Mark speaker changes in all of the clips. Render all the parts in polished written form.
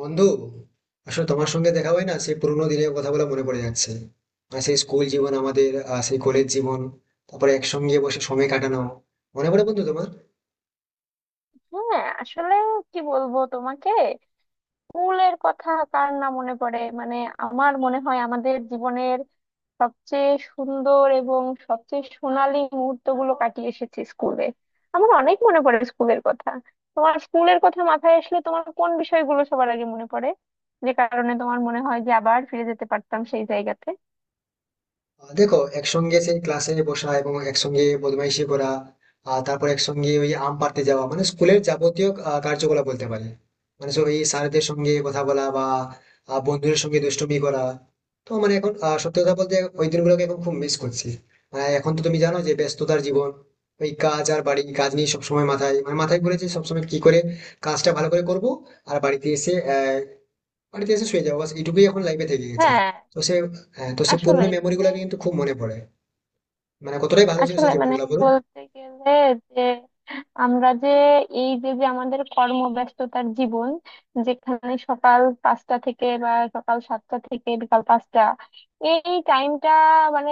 Speaker 1: বন্ধু, আসলে তোমার সঙ্গে দেখা হয় না, সেই পুরোনো দিনের কথাগুলো মনে পড়ে যাচ্ছে। আর সেই স্কুল জীবন, আমাদের সেই কলেজ জীবন, তারপরে একসঙ্গে বসে সময় কাটানো, মনে পড়ে বন্ধু তোমার?
Speaker 2: হ্যাঁ, আসলে কি বলবো তোমাকে। স্কুলের কথা কার না মনে পড়ে? মানে আমার মনে হয় আমাদের জীবনের সবচেয়ে সুন্দর এবং সবচেয়ে সোনালী মুহূর্তগুলো কাটিয়ে এসেছি স্কুলে। আমার অনেক মনে পড়ে স্কুলের কথা। তোমার স্কুলের কথা মাথায় আসলে তোমার কোন বিষয়গুলো সবার আগে মনে পড়ে, যে কারণে তোমার মনে হয় যে আবার ফিরে যেতে পারতাম সেই জায়গাতে?
Speaker 1: দেখো, একসঙ্গে সেই ক্লাসে বসা এবং একসঙ্গে বদমাইশি করা, আর তারপর একসঙ্গে ওই আম পাড়তে যাওয়া, মানে স্কুলের যাবতীয় কার্যকলাপ বলতে পারে। মানে সব এই স্যারদের সঙ্গে কথা বলা বা বন্ধুদের সঙ্গে দুষ্টুমি করা। তো মানে এখন সত্যি কথা বলতে ওই দিনগুলোকে এখন খুব মিস করছি। মানে এখন তো তুমি জানো যে ব্যস্ততার জীবন, ওই কাজ আর বাড়ি কাজ নিয়ে সবসময় মাথায়, মানে মাথায় ঘুরেছে সবসময় কি করে কাজটা ভালো করে করব। আর বাড়িতে এসে বাড়িতে এসে শুয়ে যাও, বাস এইটুকুই এখন লাইফে থেকে গেছে।
Speaker 2: হ্যাঁ,
Speaker 1: তো সে হ্যাঁ, তো সে পুরোনো
Speaker 2: আসলেই
Speaker 1: মেমোরি
Speaker 2: মানে,
Speaker 1: গুলাকে কিন্তু খুব মনে পড়ে। মানে কতটাই ভালো ছিল
Speaker 2: আসলে
Speaker 1: সেই
Speaker 2: মানে
Speaker 1: জীবনগুলো বলো।
Speaker 2: বলতে গেলে যে আমরা যে এই যে যে আমাদের কর্মব্যস্ততার জীবন, যেখানে সকাল পাঁচটা থেকে বা সকাল সাতটা থেকে বিকাল পাঁচটা, এই টাইমটা মানে,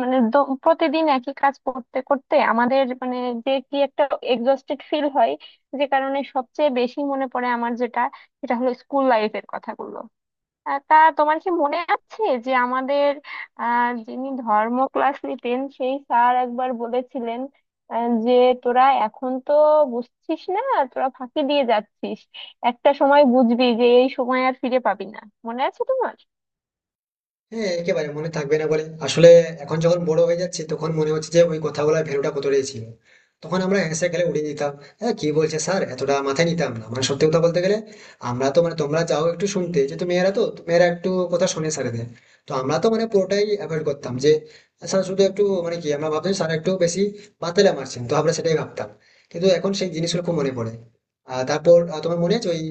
Speaker 2: মানে প্রতিদিন একই কাজ করতে করতে আমাদের মানে যে কি একটা এক্সস্টেড ফিল হয়। যে কারণে সবচেয়ে বেশি মনে পড়ে আমার যেটা, সেটা হলো স্কুল লাইফের কথাগুলো। তা তোমার কি মনে আছে যে আমাদের যিনি ধর্ম ক্লাস নিতেন সেই স্যার একবার বলেছিলেন যে তোরা এখন তো বুঝছিস না, তোরা ফাঁকি দিয়ে যাচ্ছিস, একটা সময় বুঝবি যে এই সময় আর ফিরে পাবি না। মনে আছে তোমার?
Speaker 1: হ্যাঁ, একেবারে মনে থাকবে না বলে? আসলে এখন যখন বড় হয়ে যাচ্ছে তখন মনে হচ্ছে যে ওই কথাগুলোর ভ্যালুটা কতটাই ছিল। তখন আমরা হেসে খেলে উড়িয়ে দিতাম। হ্যাঁ, কি বলছে স্যার এতটা মাথায় নিতাম না, মানে সত্যি কথা বলতে গেলে। আমরা তো মানে তোমরা যাও একটু শুনতে, যেহেতু মেয়েরা তো তো মেয়েরা একটু কথা শুনে স্যারেদের। তো আমরা তো মানে পুরোটাই অ্যাভয়েড করতাম। যে স্যার শুধু একটু মানে কি, আমরা ভাবতাম স্যার একটু বেশি বাতেলা মারছেন, তো আমরা সেটাই ভাবতাম। কিন্তু এখন সেই জিনিসগুলো খুব মনে পড়ে। তারপর তোমার মনে আছে ওই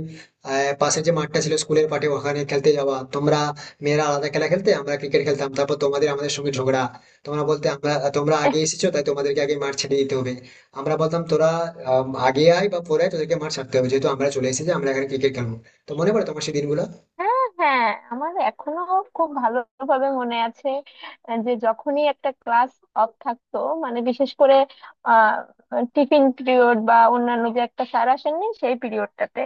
Speaker 1: আহ, পাশে যে মাঠটা ছিল স্কুলের মাঠে, ওখানে খেলতে যাওয়া? তোমরা মেয়েরা আলাদা খেলা খেলতে, আমরা ক্রিকেট খেলতাম, তারপর তোমাদের আমাদের সঙ্গে ঝগড়া। তোমরা বলতে আমরা তোমরা আগে এসেছো, তাই তোমাদেরকে আগে মাঠ ছেড়ে দিতে হবে। আমরা বলতাম তোরা আগে আয় বা পরে আয়, তোদেরকে মাঠ ছাড়তে হবে, যেহেতু আমরা চলে এসেছি আমরা এখানে ক্রিকেট খেলবো। তো মনে পড়ে তোমার সেই দিনগুলো?
Speaker 2: হ্যাঁ, হ্যাঁ, আমার এখনো খুব ভালোভাবে মনে আছে। যে যখনই একটা ক্লাস অফ থাকতো, মানে বিশেষ করে আহ টিফিন পিরিয়ড বা অন্যান্য যে একটা স্যার আসেননি সেই পিরিয়ডটাতে,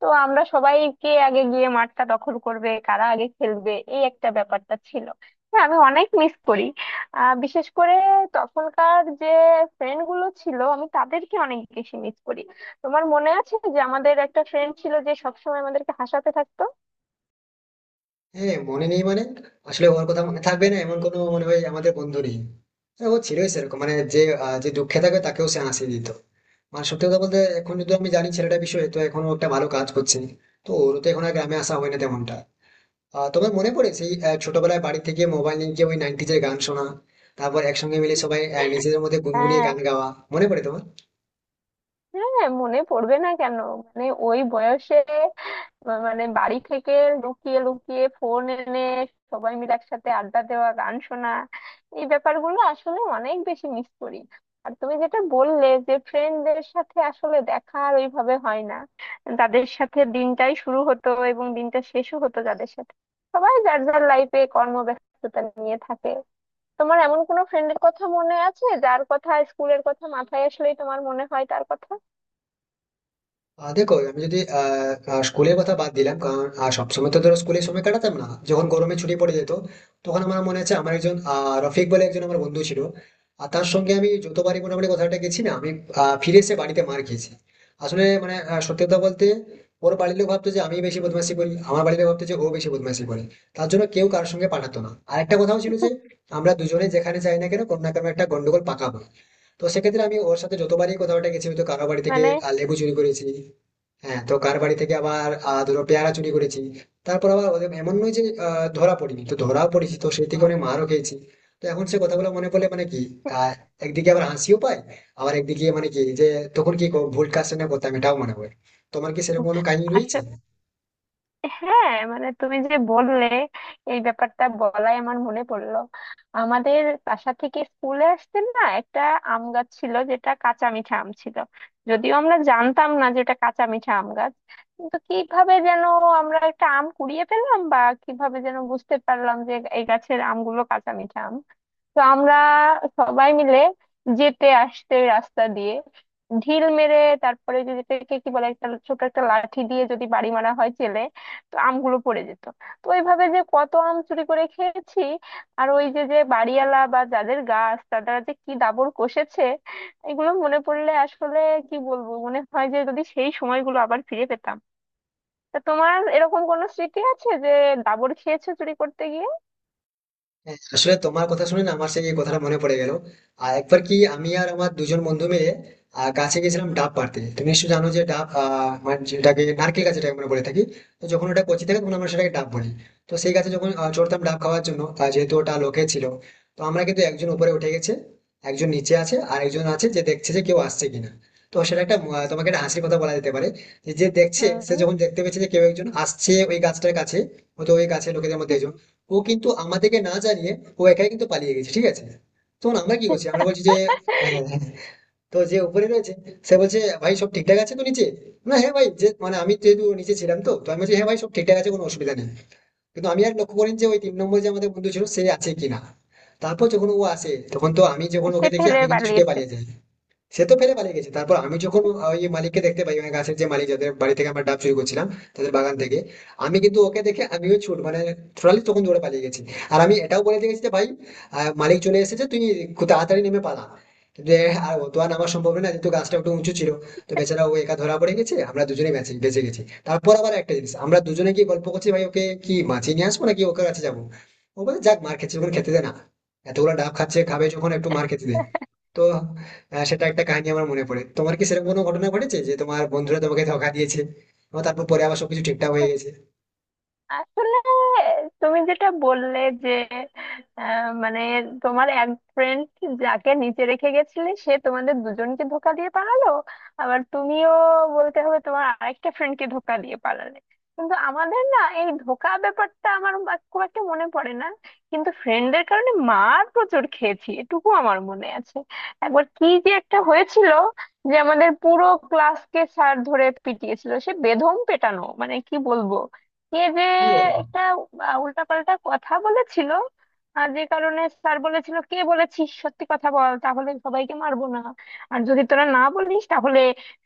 Speaker 2: তো আমরা সবাই কে আগে গিয়ে মাঠটা দখল করবে, কারা আগে খেলবে, এই একটা ব্যাপারটা ছিল। হ্যাঁ, আমি অনেক মিস করি। বিশেষ করে তখনকার যে ফ্রেন্ড গুলো ছিল, আমি তাদেরকে অনেক বেশি মিস করি। তোমার মনে আছে যে আমাদের একটা ফ্রেন্ড ছিল যে সবসময় আমাদেরকে হাসাতে থাকতো?
Speaker 1: হ্যাঁ মনে নেই মানে, আসলে ওর কথা মনে থাকবে না এমন কোনো মনে হয় আমাদের বন্ধু নেই। হ্যাঁ, ও ছিলই সেরকম, মানে যে যে দুঃখে থাকে তাকেও সে হাসি দিত। মানে সত্যি কথা বলতে এখন যদি আমি জানি ছেলেটা বিষয়ে, তো এখনো একটা ভালো কাজ করছে। তো ওর তো এখন আর গ্রামে আসা হয় না তেমনটা। তোমার মনে পড়ে সেই ছোটবেলায় বাড়ি থেকে মোবাইল নিয়ে গিয়ে ওই নাইনটিজের গান শোনা, তারপর একসঙ্গে মিলে সবাই নিজেদের মধ্যে গুনগুনিয়ে
Speaker 2: হ্যাঁ,
Speaker 1: গান গাওয়া? মনে পড়ে তোমার?
Speaker 2: হ্যাঁ মনে পড়বে না কেন? মানে ওই বয়সে মানে বাড়ি থেকে লুকিয়ে লুকিয়ে ফোন এনে সবাই মিলে একসাথে আড্ডা দেওয়া, গান শোনা, এই ব্যাপারগুলো আসলে অনেক বেশি মিস করি। আর তুমি যেটা বললে যে ফ্রেন্ডদের সাথে আসলে দেখা আর ওইভাবে হয় না, তাদের সাথে দিনটাই শুরু হতো এবং দিনটা শেষও হতো, যাদের সাথে সবাই যার যার লাইফে কর্মব্যস্ততা নিয়ে থাকে। তোমার এমন কোনো ফ্রেন্ডের কথা মনে আছে যার কথা, স্কুলের কথা মাথায় আসলেই তোমার মনে হয় তার কথা?
Speaker 1: দেখো, আমি যদি আহ আহ, স্কুলের কথা বাদ দিলাম, কারণ সবসময় তো ধরো স্কুলে সময় কাটাতাম না, যখন গরমে ছুটি পড়ে যেত, তখন আমার মনে আছে আমার একজন রফিক বলে একজন আমার বন্ধু ছিল। আর তার সঙ্গে আমি যতবারই মোটামুটি কথাটা গেছি না, আমি ফিরে এসে বাড়িতে মার খেয়েছি। আসলে মানে সত্যি কথা বলতে, ওর বাড়ির লোক ভাবতো যে আমি বেশি বদমাশি করি, আমার বাড়ির লোক ভাবতো যে ও বেশি বদমাশি করে। তার জন্য কেউ কারোর সঙ্গে পাঠাতো না। আর একটা কথাও ছিল, যে আমরা দুজনে যেখানে যাই না কেন, কোনো না কোনো একটা গন্ডগোল পাকাবো। তো সেক্ষেত্রে আমি ওর সাথে যতবারই কথাবার্তা গেছি, হয়তো কারো বাড়ি থেকে
Speaker 2: মানে
Speaker 1: লেবু চুরি করেছি, হ্যাঁ, তো কার বাড়ি থেকে আবার ধরো পেয়ারা চুরি করেছি। তারপর আবার ওদের এমন নয় যে ধরা পড়িনি, তো ধরাও পড়েছি, তো সেই থেকে অনেক মারও খেয়েছি। তো এখন সে কথাগুলো মনে পড়লে মানে কি, আহ একদিকে আবার হাসিও পায়, আবার একদিকে মানে কি যে তখন কি ভুল কাজটা না করতাম এটাও মনে হয়। তোমার কি সেরকম কোনো কাহিনী রয়েছে?
Speaker 2: আসলে হ্যাঁ, মানে তুমি যে বললে এই ব্যাপারটা বলাই আমার মনে পড়লো। আমাদের বাসা থেকে স্কুলে আসতে না একটা আম গাছ ছিল যেটা কাঁচা মিঠা আম ছিল। যদিও আমরা জানতাম না যে এটা কাঁচা মিঠা আম গাছ, কিন্তু কিভাবে যেন আমরা একটা আম কুড়িয়ে পেলাম, বা কিভাবে যেন বুঝতে পারলাম যে এই গাছের আমগুলো কাঁচা মিঠা আম। তো আমরা সবাই মিলে যেতে আসতে ওই রাস্তা দিয়ে ঢিল মেরে, তারপরে যদি এটাকে কি বলে, একটা ছোট একটা লাঠি দিয়ে যদি বাড়ি মারা হয় চেলে, তো আমগুলো পড়ে যেত। তো ওইভাবে যে কত আম চুরি করে খেয়েছি, আর ওই যে যে বাড়িওয়ালা বা যাদের গাছ তারা যে কি দাবড় কষেছে, এগুলো মনে পড়লে আসলে কি বলবো, মনে হয় যে যদি সেই সময়গুলো আবার ফিরে পেতাম। তা তোমার এরকম কোনো স্মৃতি আছে যে দাবড় খেয়েছো চুরি করতে গিয়ে?
Speaker 1: হ্যাঁ, আসলে তোমার কথা শুনে না আমার সেই কথাটা মনে পড়ে গেল। আর একবার কি আমি আর আমার দুজন বন্ধু মিলে গাছে গেছিলাম ডাব পাড়তে। তুমি নিশ্চয়ই জানো যে ডাব, মানে যেটাকে নারকেল গাছ যেটাকে আমরা বলে থাকি, তো যখন ওটা কচি থাকে তখন আমরা সেটাকে ডাব বলি। তো সেই গাছে যখন চড়তাম ডাব খাওয়ার জন্য, যেহেতু ওটা লোকে ছিল, তো আমরা কিন্তু একজন উপরে উঠে গেছে, একজন নিচে আছে, আর একজন আছে যে দেখছে যে কেউ আসছে কিনা। তো সেটা একটা তোমাকে একটা হাসির কথা বলা যেতে পারে। যে যে দেখছে সে যখন দেখতে পেয়েছে যে কেউ একজন আসছে ওই গাছটার কাছে, হয়তো ওই গাছের লোকেদের মধ্যে
Speaker 2: হুম।
Speaker 1: একজন, ও কিন্তু আমাদেরকে না জানিয়ে ও একাই কিন্তু পালিয়ে গেছে, ঠিক আছে। তখন আমরা কি করছি, আমরা বলছি যে হ্যাঁ হ্যাঁ। হ্যাঁ। তো যে উপরে রয়েছে সে বলছে, ভাই সব ঠিকঠাক আছে তো নিচে? না হ্যাঁ ভাই, যে মানে আমি যেহেতু নিচে ছিলাম, তো তো আমি বলছি হ্যাঁ ভাই, সব ঠিকঠাক আছে, কোনো অসুবিধা নেই। কিন্তু আমি আর লক্ষ্য করিনি যে ওই তিন নম্বর যে আমাদের বন্ধু ছিল সে আছে কিনা। তারপর যখন ও আসে, তখন তো আমি যখন
Speaker 2: সে
Speaker 1: ওকে দেখি,
Speaker 2: ফেলে
Speaker 1: আমি কিন্তু ছুটে
Speaker 2: পালিয়েছে?
Speaker 1: পালিয়ে যাই। সে তো ফেলে পালিয়ে গেছে। তারপর আমি যখন ওই মালিককে দেখতে পাই, ওই গাছের যে মালিক যাদের বাড়ি থেকে আমরা ডাব চুরি করছিলাম তাদের বাগান থেকে, আমি কিন্তু ওকে দেখে আমিও ছুট, মানে টোটালি তখন দৌড়ে পালিয়ে গেছি। আর আমি এটাও বলে দিয়ে গেছি যে ভাই মালিক চলে এসেছে, তুই খুব তাড়াতাড়ি নেমে পালা। যে আর ও তো আর নামা সম্ভব না, যেহেতু গাছটা একটু উঁচু ছিল। তো বেচারা ও একা ধরা পড়ে গেছে, আমরা দুজনেই বেঁচে বেঁচে গেছি। তারপর আবার একটা জিনিস, আমরা দুজনে গিয়ে গল্প করছি, ভাই ওকে কি মাছিয়ে নিয়ে আসবো নাকি ওকে কাছে যাবো। ও বলে যাক, মার খেতে যখন খেতে দে না, এতগুলো ডাব খাচ্ছে খাবে, যখন একটু মার খেতে দে। তো সেটা একটা কাহিনী আমার মনে পড়ে। তোমার কি সেরকম কোনো ঘটনা ঘটেছে যে তোমার বন্ধুরা তোমাকে ধোঁকা দিয়েছে এবং তারপর পরে আবার সবকিছু ঠিকঠাক হয়ে গেছে,
Speaker 2: আসলে তুমি যেটা বললে যে মানে তোমার এক ফ্রেন্ড যাকে নিচে রেখে গেছিলে সে তোমাদের দুজনকে ধোকা দিয়ে পালালো, আবার তুমিও বলতে হবে তোমার আরেকটা ফ্রেন্ডকে ধোকা দিয়ে পালালে। কিন্তু আমাদের না এই ধোকা ব্যাপারটা আমার খুব একটা মনে পড়ে না, কিন্তু ফ্রেন্ডের কারণে মার প্রচুর খেয়েছি এটুকু আমার মনে আছে। একবার কি যে একটা হয়েছিল যে আমাদের পুরো ক্লাসকে স্যার ধরে পিটিয়েছিল, সে বেধম পেটানো মানে কি বলবো। কে যে
Speaker 1: কি বলো?
Speaker 2: একটা উল্টাপাল্টা কথা বলেছিল, আর যে কারণে স্যার বলেছিল কে বলেছিস সত্যি কথা বল, তাহলে সবাইকে মারবো না, আর যদি তোরা না বলিস তাহলে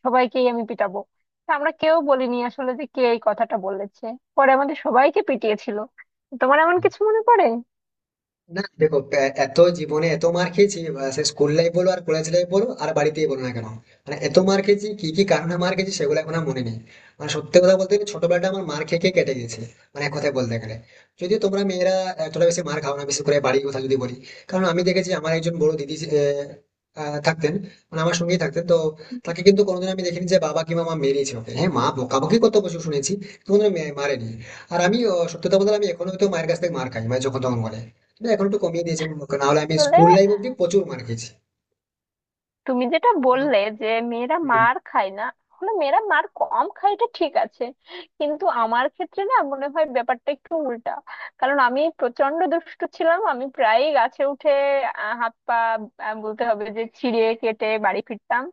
Speaker 2: সবাইকেই আমি পিটাবো। তা আমরা কেউ বলিনি আসলে যে কে এই কথাটা বলেছে, পরে আমাদের সবাইকে পিটিয়েছিল। তোমার এমন কিছু মনে পড়ে?
Speaker 1: না দেখো, এত জীবনে এত মার খেয়েছি সে স্কুল লাইফ বলো আর কলেজ লাইফ বলো আর বাড়িতেই বলো না কেন, মানে এত মার খেয়েছি, কি কি কারণে মার খেয়েছি সেগুলো এখন আর মনে নেই। মানে সত্যি কথা বলতে গেলে ছোটবেলাটা আমার মার খেয়ে খেয়ে কেটে গেছে, মানে এক কথায় বলতে গেলে। যদিও তোমরা মেয়েরা এতটা বেশি মার খাও না, বিশেষ করে বাড়ির কথা যদি বলি। কারণ আমি দেখেছি আমার একজন বড় দিদি আহ, আহ, থাকতেন, মানে আমার সঙ্গেই থাকতেন, তো তাকে কিন্তু কোনোদিন আমি দেখিনি যে বাবা কিংবা মা মেরেছে ওকে। হ্যাঁ মা বকাবকি কত বছর শুনেছি, কিন্তু কোনোদিন মারেনি। আর আমি সত্যি কথা বলতে আমি এখনো হয়তো মায়ের কাছ থেকে মার খাই, মানে যখন তখন বলে। না, এখন একটু কমিয়ে দিয়েছেন, না হলে আমি
Speaker 2: আসলে
Speaker 1: স্কুল লাইফ অব্দি প্রচুর মার খেয়েছি।
Speaker 2: তুমি যেটা
Speaker 1: তো,
Speaker 2: বললে যে মেয়েরা
Speaker 1: হুম।
Speaker 2: মার খায় না, আসলে মেয়েরা মার কম খায় এটা ঠিক আছে, কিন্তু আমার ক্ষেত্রে না মনে হয় ব্যাপারটা একটু উল্টা। কারণ আমি প্রচন্ড দুষ্টু ছিলাম, আমি প্রায়ই গাছে উঠে হাত পা বলতে হবে যে ছিঁড়ে কেটে বাড়ি ফিরতাম।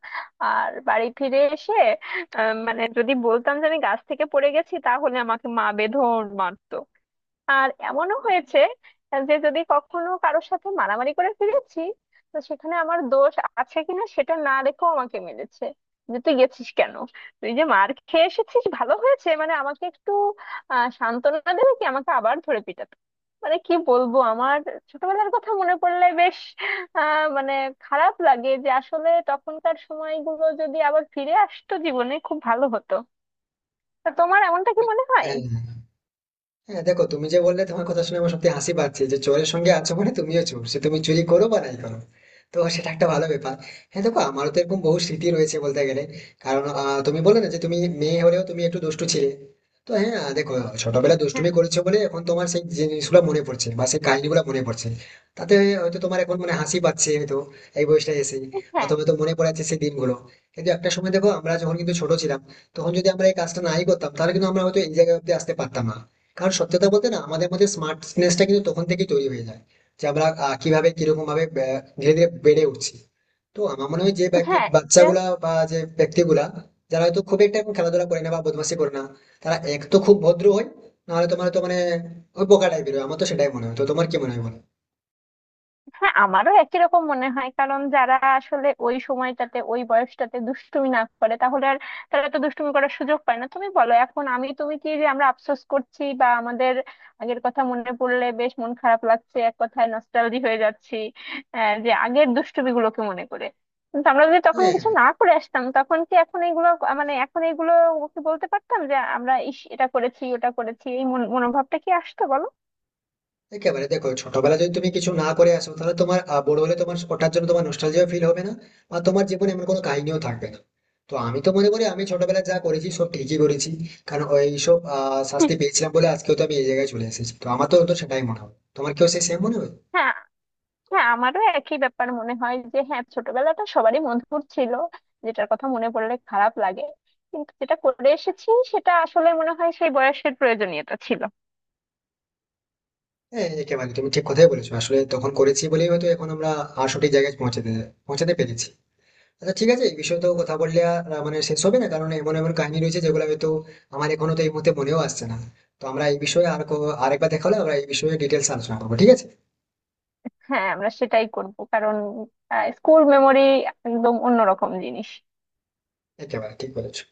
Speaker 2: আর বাড়ি ফিরে এসে মানে যদি বলতাম যে আমি গাছ থেকে পড়ে গেছি তাহলে আমাকে মা বেঁধন মারতো। আর এমনও হয়েছে যে যদি কখনো কারোর সাথে মারামারি করে ফিরেছি, তো সেখানে আমার দোষ আছে কিনা সেটা না দেখেও আমাকে মেরেছে, যে তুই গেছিস কেন, তুই যে মার খেয়ে এসেছিস ভালো হয়েছে, মানে আমাকে একটু সান্ত্বনা দেবে কি, আমাকে আবার ধরে পিটাতো। মানে কি বলবো, আমার ছোটবেলার কথা মনে পড়লে বেশ মানে খারাপ লাগে যে আসলে তখনকার সময়গুলো যদি আবার ফিরে আসতো জীবনে খুব ভালো হতো। তা তোমার এমনটা কি মনে হয়?
Speaker 1: হ্যাঁ। হ্যাঁ দেখো, তুমি যে বললে, তোমার কথা শুনে আমার সত্যি হাসি পাচ্ছে। যে চোরের সঙ্গে আছো মানে তুমিও চোর, সে তুমি চুরি করো বা নাই করো, তো সেটা একটা ভালো ব্যাপার। হ্যাঁ দেখো, আমারও তো এরকম বহু স্মৃতি রয়েছে বলতে গেলে। কারণ তুমি বলে না যে তুমি মেয়ে হলেও তুমি একটু দুষ্টু ছিলে, তো হ্যাঁ দেখো ছোটবেলায় দুষ্টুমি করেছো বলে এখন তোমার সেই জিনিসগুলো মনে পড়ছে বা সেই কাহিনীগুলো মনে পড়ছে। তাতে হয়তো তোমার এখন মনে হাসি পাচ্ছে, হয়তো এই বয়সটা এসে
Speaker 2: হ্যাঁ,
Speaker 1: অথবা তো মনে পড়ে যাচ্ছে সেই দিনগুলো। কিন্তু একটা সময় দেখো, আমরা যখন কিন্তু ছোট ছিলাম, তখন যদি আমরা এই কাজটা নাই করতাম, তাহলে কিন্তু আমরা হয়তো এই জায়গায় অব্দি আসতে পারতাম না। কারণ সত্যি কথা বলতে না, আমাদের মধ্যে স্মার্টনেসটা কিন্তু তখন থেকেই তৈরি হয়ে যায়, যে আমরা কিভাবে কিরকম ভাবে ধীরে ধীরে বেড়ে উঠছি। তো আমার মনে হয় যে
Speaker 2: হ্যাঁ এটা,
Speaker 1: বাচ্চাগুলা বা যে ব্যক্তিগুলা যারা হয়তো খুব একটা এখন খেলাধুলা করে না বা বদমাশি করে না, তারা এক তো খুব ভদ্র হয়, নাহলে তোমার তো মানে ওই বোকা টাইপের হয়। আমার তো সেটাই মনে হয়, তো তোমার কি মনে হয় বলো।
Speaker 2: হ্যাঁ আমারও একই রকম মনে হয়। কারণ যারা আসলে ওই সময়টাতে ওই বয়সটাতে দুষ্টুমি না করে তাহলে আর, তারা তো দুষ্টুমি করার সুযোগ পায় না। তুমি বলো এখন আমি তুমি কি যে আমরা আফসোস করছি, বা আমাদের আগের কথা মনে পড়লে বেশ মন খারাপ লাগছে, এক কথায় নস্টালজি হয়ে যাচ্ছি যে আগের দুষ্টুমি গুলোকে মনে করে। কিন্তু আমরা যদি তখন
Speaker 1: হ্যাঁ
Speaker 2: কিছু না করে আসতাম তখন কি এখন এইগুলো, মানে এখন এইগুলো কি বলতে পারতাম যে আমরা ইস এটা করেছি ওটা করেছি, এই মনোভাবটা কি আসতো বলো?
Speaker 1: একেবারে, দেখো ছোটবেলায় যদি তুমি কিছু না করে আসো তাহলে তোমার বড় হলে তোমার ওটার জন্য তোমার নস্টালজিয়া ফিল হবে না, বা তোমার জীবনে এমন কোনো কাহিনীও থাকবে না। তো আমি তো মনে করি আমি ছোটবেলায় যা করেছি সব ঠিকই করেছি, কারণ ওই সব শাস্তি পেয়েছিলাম বলে আজকেও তো আমি এই জায়গায় চলে এসেছি, তো আমার তো তো সেটাই মনে হয়, তোমার কেউ সেই সেম মনে হয়?
Speaker 2: হ্যাঁ, হ্যাঁ আমারও একই ব্যাপার মনে হয় যে হ্যাঁ ছোটবেলাটা সবারই মধুর ছিল, যেটার কথা মনে পড়লে খারাপ লাগে। কিন্তু যেটা করে এসেছি সেটা আসলে মনে হয় সেই বয়সের প্রয়োজনীয়তা ছিল।
Speaker 1: হ্যাঁ একেবারে তুমি ঠিক কথাই বলেছো, আসলে তখন করেছি বলেই হয়তো এখন আমরা সঠিক জায়গায় পৌঁছাতে পৌঁছাতে পেরেছি। আচ্ছা ঠিক আছে, এই বিষয়ে তো কথা বললে মানে শেষ হবে না, কারণ এমন এমন কাহিনী রয়েছে যেগুলো হয়তো আমার এখনো তো এই মুহূর্তে মনেও আসছে না। তো আমরা এই বিষয়ে আর আরেকবার দেখা হলে আমরা এই বিষয়ে ডিটেলস আলোচনা করবো, ঠিক আছে?
Speaker 2: হ্যাঁ আমরা সেটাই করব, কারণ স্কুল মেমোরি একদম অন্যরকম জিনিস।
Speaker 1: একেবারে ঠিক বলেছো।